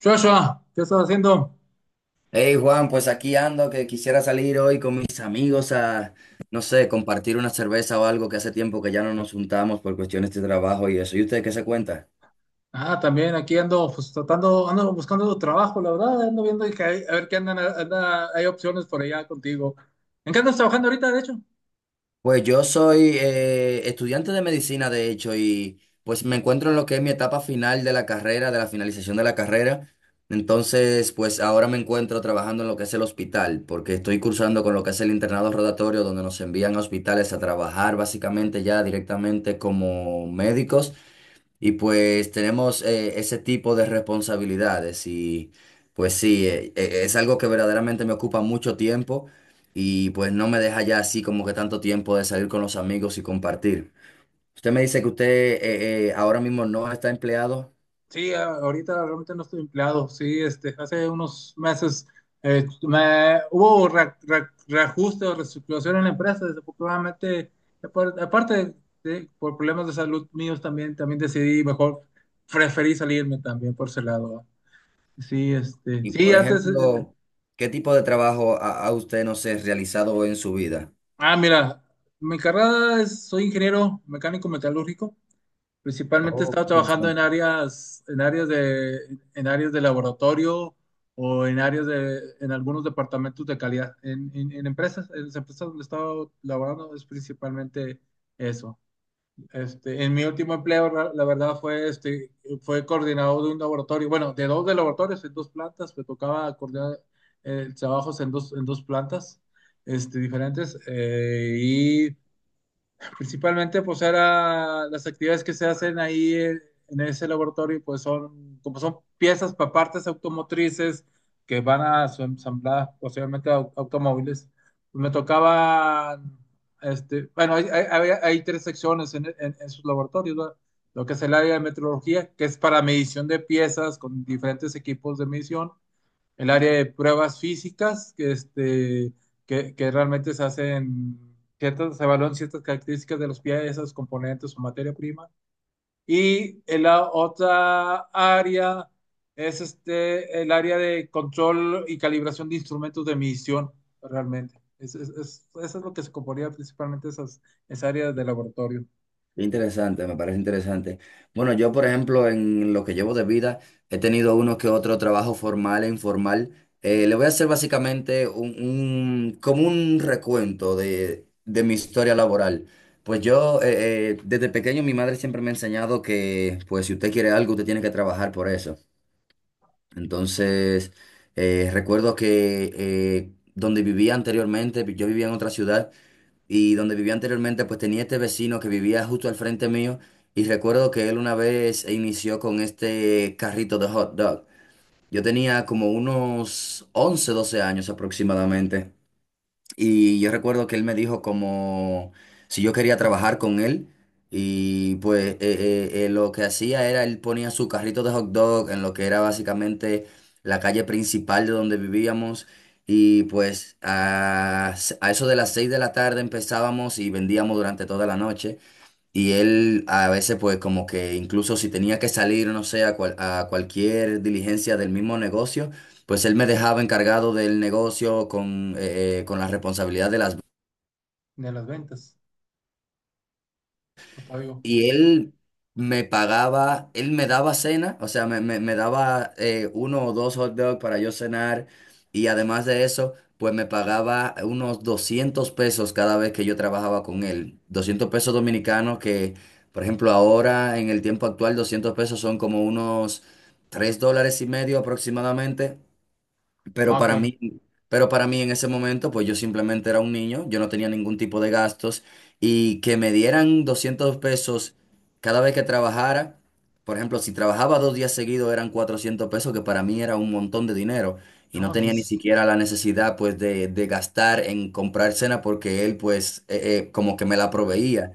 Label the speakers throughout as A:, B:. A: Joshua, ¿qué estás haciendo?
B: Hey Juan, pues aquí ando que quisiera salir hoy con mis amigos a, no sé, compartir una cerveza o algo que hace tiempo que ya no nos juntamos por cuestiones de trabajo y eso. ¿Y usted qué se cuenta?
A: Ah, también aquí ando, pues tratando, ando buscando trabajo, la verdad, ando viendo que a ver qué hay opciones por allá contigo. ¿En qué andas trabajando ahorita, de hecho?
B: Pues yo soy estudiante de medicina, de hecho, y pues me encuentro en lo que es mi etapa final de la carrera, de la finalización de la carrera. Entonces, pues ahora me encuentro trabajando en lo que es el hospital, porque estoy cursando con lo que es el internado rotatorio, donde nos envían a hospitales a trabajar básicamente ya directamente como médicos. Y pues tenemos ese tipo de responsabilidades y pues sí, es algo que verdaderamente me ocupa mucho tiempo y pues no me deja ya así como que tanto tiempo de salir con los amigos y compartir. Usted me dice que usted ahora mismo no está empleado.
A: Sí, ahorita realmente no estoy empleado. Sí, este, hace unos meses hubo reajuste o reestructuración en la empresa, desafortunadamente, aparte de, por problemas de salud míos también, también decidí mejor, preferí salirme también por ese lado. ¿Va? Sí, este,
B: Y
A: sí,
B: por
A: antes
B: ejemplo, ¿qué tipo de trabajo ha usted, no sé, realizado en su vida?
A: ah, mira, mi carrera es, soy ingeniero mecánico metalúrgico. Principalmente he
B: Oh,
A: estado
B: qué
A: trabajando
B: interesante.
A: en áreas de laboratorio o en áreas de, en algunos departamentos de calidad. En empresas, en las empresas donde he estado laborando es principalmente eso. Este, en mi último empleo, la verdad, fue, este, fue coordinador de un laboratorio, bueno, de dos de laboratorios en dos plantas, me tocaba coordinar trabajos en dos plantas este, diferentes y principalmente, pues era las actividades que se hacen ahí en ese laboratorio, pues son, como son piezas para partes automotrices que van a su ensambladas posiblemente automóviles. Pues, me tocaban este, bueno, hay, hay tres secciones en, en sus laboratorios, ¿verdad? Lo que es el área de metrología, que es para medición de piezas con diferentes equipos de medición, el área de pruebas físicas, que, este, que realmente se hacen ciertas, se evalúan ciertas características de los piezas, componentes o materia prima. Y en la otra área es este, el área de control y calibración de instrumentos de medición, realmente. Es, eso es lo que se componía principalmente esas, esa área de laboratorio,
B: Interesante, me parece interesante. Bueno, yo, por ejemplo, en lo que llevo de vida, he tenido uno que otro trabajo formal e informal. Le voy a hacer básicamente como un recuento de mi historia laboral. Pues yo, desde pequeño, mi madre siempre me ha enseñado que, pues, si usted quiere algo, usted tiene que trabajar por eso. Entonces, recuerdo que donde vivía anteriormente, yo vivía en otra ciudad y donde vivía anteriormente, pues tenía este vecino que vivía justo al frente mío y recuerdo que él una vez inició con este carrito de hot dog. Yo tenía como unos 11 12 años aproximadamente. Y yo recuerdo que él me dijo como si yo quería trabajar con él. Y pues lo que hacía era, él ponía su carrito de hot dog en lo que era básicamente la calle principal de donde vivíamos. Y pues a eso de las 6 de la tarde empezábamos y vendíamos durante toda la noche. Y él a veces pues como que incluso si tenía que salir, no sé, a cualquier diligencia del mismo negocio, pues él me dejaba encargado del negocio con la responsabilidad de las.
A: de las ventas. Octavio.
B: Y él me pagaba, él me daba cena, o sea, me daba uno o dos hot dogs para yo cenar. Y además de eso, pues me pagaba unos 200 pesos cada vez que yo trabajaba con él. 200 pesos dominicanos que, por ejemplo, ahora en el tiempo actual, 200 pesos son como unos 3 dólares y medio aproximadamente. Pero
A: Ah,
B: para
A: ok.
B: mí, pero para mí en ese momento, pues yo simplemente era un niño, yo no tenía ningún tipo de gastos y que me dieran 200 pesos cada vez que trabajara, por ejemplo, si trabajaba 2 días seguidos eran 400 pesos, que para mí era un montón de dinero y no
A: No,
B: tenía ni
A: pues,
B: siquiera la necesidad pues de gastar en comprar cena porque él pues como que me la proveía.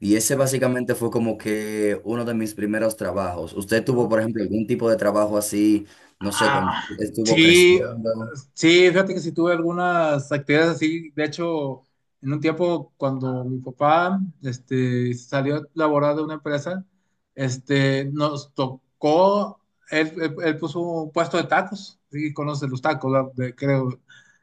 B: Y ese básicamente fue como que uno de mis primeros trabajos. ¿Usted tuvo,
A: no,
B: por ejemplo, algún tipo de trabajo así? No sé cuándo
A: ah,
B: estuvo
A: sí,
B: creciendo.
A: sí, fíjate que sí tuve algunas actividades así. De hecho, en un tiempo cuando mi papá este, salió a laborar de una empresa, este, nos tocó, él, él puso un puesto de tacos, sí, conoces los tacos, ¿verdad? Creo.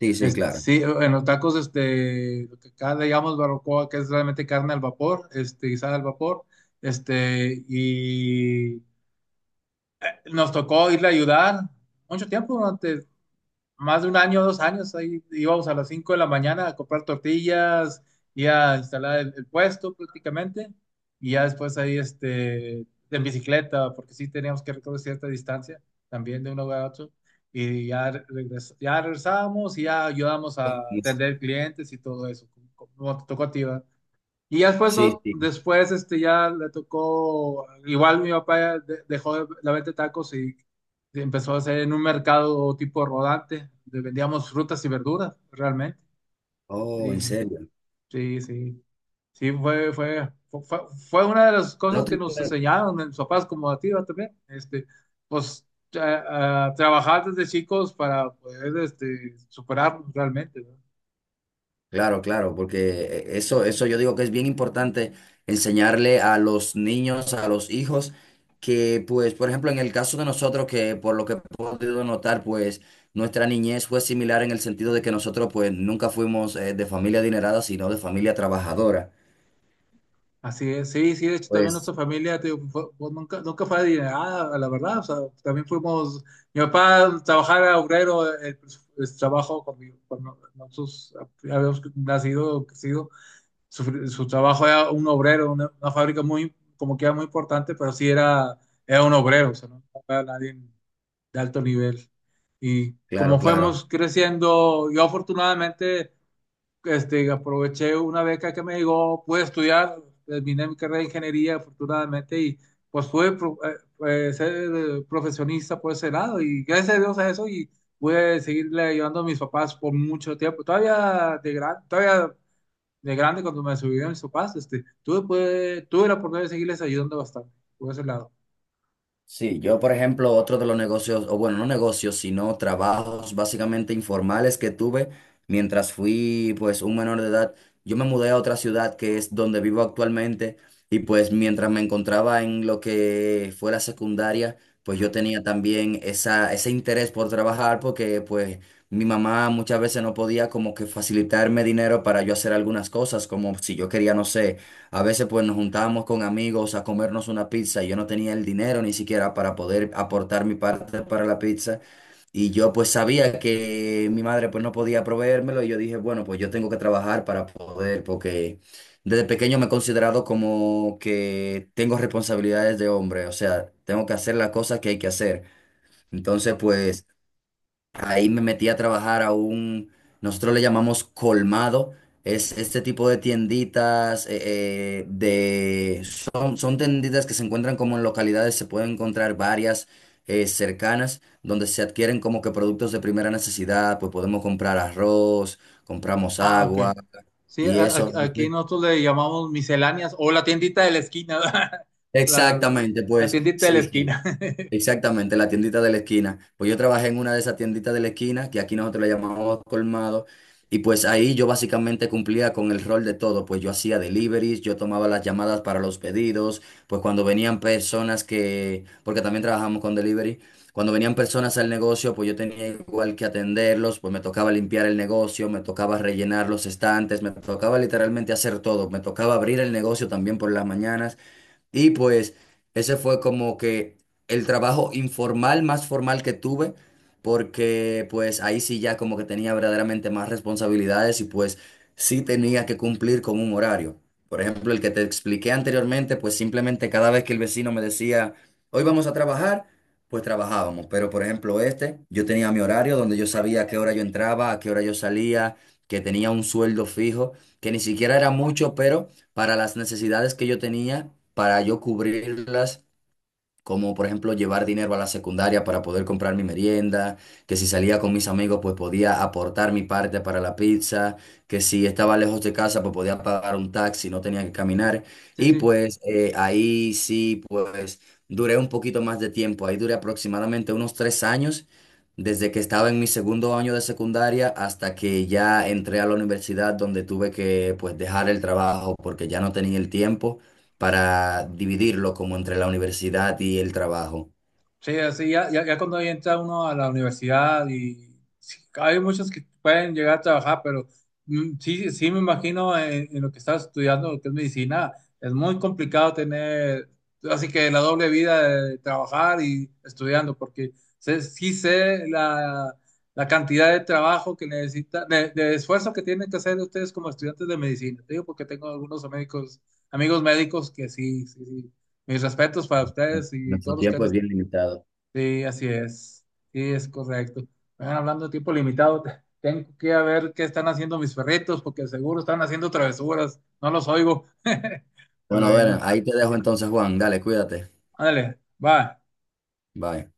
B: Sí, sí,
A: Este,
B: claro.
A: sí, en los tacos, este, lo que acá le llamamos barbacoa, que es realmente carne al vapor, este, guisada al vapor, este, y nos tocó irle a ayudar mucho tiempo, durante más de un año, dos años, ahí íbamos a las 5 de la mañana a comprar tortillas y a instalar el puesto prácticamente, y ya después ahí este, en bicicleta, porque sí teníamos que recorrer cierta distancia también de un lugar a otro, y ya, ya regresábamos y ya ayudamos a
B: Sí,
A: atender clientes y todo eso, como, como te tocó a ti, ¿verdad? Y ya después,
B: sí.
A: no,
B: Sí.
A: después este, ya le tocó, igual mi papá ya dejó la venta de tacos y empezó a hacer en un mercado tipo rodante, donde vendíamos frutas y verduras, realmente.
B: Oh,
A: Sí,
B: en serio.
A: sí, sí. Sí, fue una de las
B: No
A: cosas que
B: te-
A: nos enseñaron en mis papás como a ti, ¿verdad? También. Este, pues a trabajar desde chicos para poder este, superarnos realmente, ¿no?
B: Claro, claro, porque eso, eso yo digo que es bien importante enseñarle a los niños, a los hijos, que pues, por ejemplo, en el caso de nosotros, que por lo que he podido notar, pues nuestra niñez fue similar en el sentido de que nosotros pues nunca fuimos de familia adinerada, sino de familia trabajadora.
A: Así es, sí, sí, de hecho también
B: Pues,
A: nuestra familia te digo, nunca, nunca fue adinerada, la verdad, o sea, también fuimos, mi papá trabajaba obrero, el trabajo cuando, cuando nosotros habíamos nacido, crecido, su trabajo era un obrero, una fábrica muy, como que era muy importante, pero sí era, era un obrero, o sea, no era nadie de alto nivel. Y
B: claro,
A: como
B: claro.
A: fuimos creciendo, yo afortunadamente este, aproveché una beca que me llegó, pude estudiar, terminé mi carrera de ingeniería afortunadamente y pues fue pues, ser profesionista por ese lado y gracias a Dios a eso y pude seguirle ayudando a mis papás por mucho tiempo. Todavía de gran, todavía de grande cuando me subieron mis papás, este, tuve, pude, tuve la oportunidad de seguirles ayudando bastante por ese lado.
B: Sí, yo por ejemplo, otro de los negocios, o bueno, no negocios, sino trabajos básicamente informales que tuve mientras fui pues un menor de edad, yo me mudé a otra ciudad que es donde vivo actualmente y pues mientras me encontraba en lo que fue la secundaria, pues yo tenía también ese interés por trabajar porque pues mi mamá muchas veces no podía como que facilitarme dinero para yo hacer algunas cosas, como si yo quería, no sé, a veces pues nos juntábamos con amigos a comernos una pizza y yo no tenía el dinero ni siquiera para poder aportar mi parte para la pizza y yo pues sabía que mi madre pues no podía proveérmelo y yo dije, bueno, pues yo tengo que trabajar para poder porque desde pequeño me he considerado como que tengo responsabilidades de hombre, o sea, tengo que hacer las cosas que hay que hacer. Entonces pues... Ahí me metí a trabajar a un, nosotros le llamamos colmado, es este tipo de tienditas, de, son, son tienditas que se encuentran como en localidades, se pueden encontrar varias cercanas, donde se adquieren como que productos de primera necesidad, pues podemos comprar arroz, compramos
A: Ah, ok.
B: agua
A: Sí,
B: y eso. No
A: aquí
B: sé.
A: nosotros le llamamos misceláneas o la tiendita de la esquina, la verdad.
B: Exactamente,
A: La
B: pues
A: tiendita de la
B: sí, sí.
A: esquina.
B: Exactamente, la tiendita de la esquina. Pues yo trabajé en una de esas tienditas de la esquina, que aquí nosotros le llamamos colmado, y pues ahí yo básicamente cumplía con el rol de todo, pues yo hacía deliveries, yo tomaba las llamadas para los pedidos, pues cuando venían personas que, porque también trabajamos con delivery, cuando venían personas al negocio, pues yo tenía igual que atenderlos, pues me tocaba limpiar el negocio, me tocaba rellenar los estantes, me tocaba literalmente hacer todo, me tocaba abrir el negocio también por las mañanas. Y pues ese fue como que el trabajo informal más formal que tuve, porque pues ahí sí ya como que tenía verdaderamente más responsabilidades y pues sí tenía que cumplir con un horario. Por ejemplo, el que te expliqué anteriormente, pues simplemente cada vez que el vecino me decía, hoy vamos a trabajar, pues trabajábamos. Pero por ejemplo, este, yo tenía mi horario donde yo sabía a qué hora yo entraba, a qué hora yo salía, que tenía un sueldo fijo, que ni siquiera era mucho, pero para las necesidades que yo tenía, para yo cubrirlas como por ejemplo llevar dinero a la secundaria para poder comprar mi merienda, que si salía con mis amigos pues podía aportar mi parte para la pizza, que si estaba lejos de casa pues podía pagar un taxi, no tenía que caminar.
A: Sí,
B: Y
A: sí,
B: pues ahí sí pues duré un poquito más de tiempo, ahí duré aproximadamente unos 3 años, desde que estaba en mi segundo año de secundaria hasta que ya entré a la universidad donde tuve que pues dejar el trabajo porque ya no tenía el tiempo para dividirlo como entre la universidad y el trabajo.
A: sí, así ya, ya, ya cuando ya entra uno a la universidad y sí, hay muchos que pueden llegar a trabajar, pero mm, sí, sí me imagino en lo que estás estudiando, lo que es medicina, es muy complicado tener, así que la doble vida de trabajar y estudiando, porque sí sé la, la cantidad de trabajo que necesita, de esfuerzo que tienen que hacer ustedes como estudiantes de medicina. Te digo porque tengo algunos médicos, amigos médicos que sí, sí, sí. Mis respetos para ustedes y
B: Nuestro
A: todos los que han
B: tiempo es bien limitado.
A: sí, así es. Sí, es correcto. Bueno, hablando de tiempo limitado, tengo que ir a ver qué están haciendo mis perritos, porque seguro están haciendo travesuras. No los oigo.
B: Bueno, bueno,
A: Bueno,
B: ahí te dejo entonces, Juan. Dale, cuídate.
A: ándale, va.
B: Bye.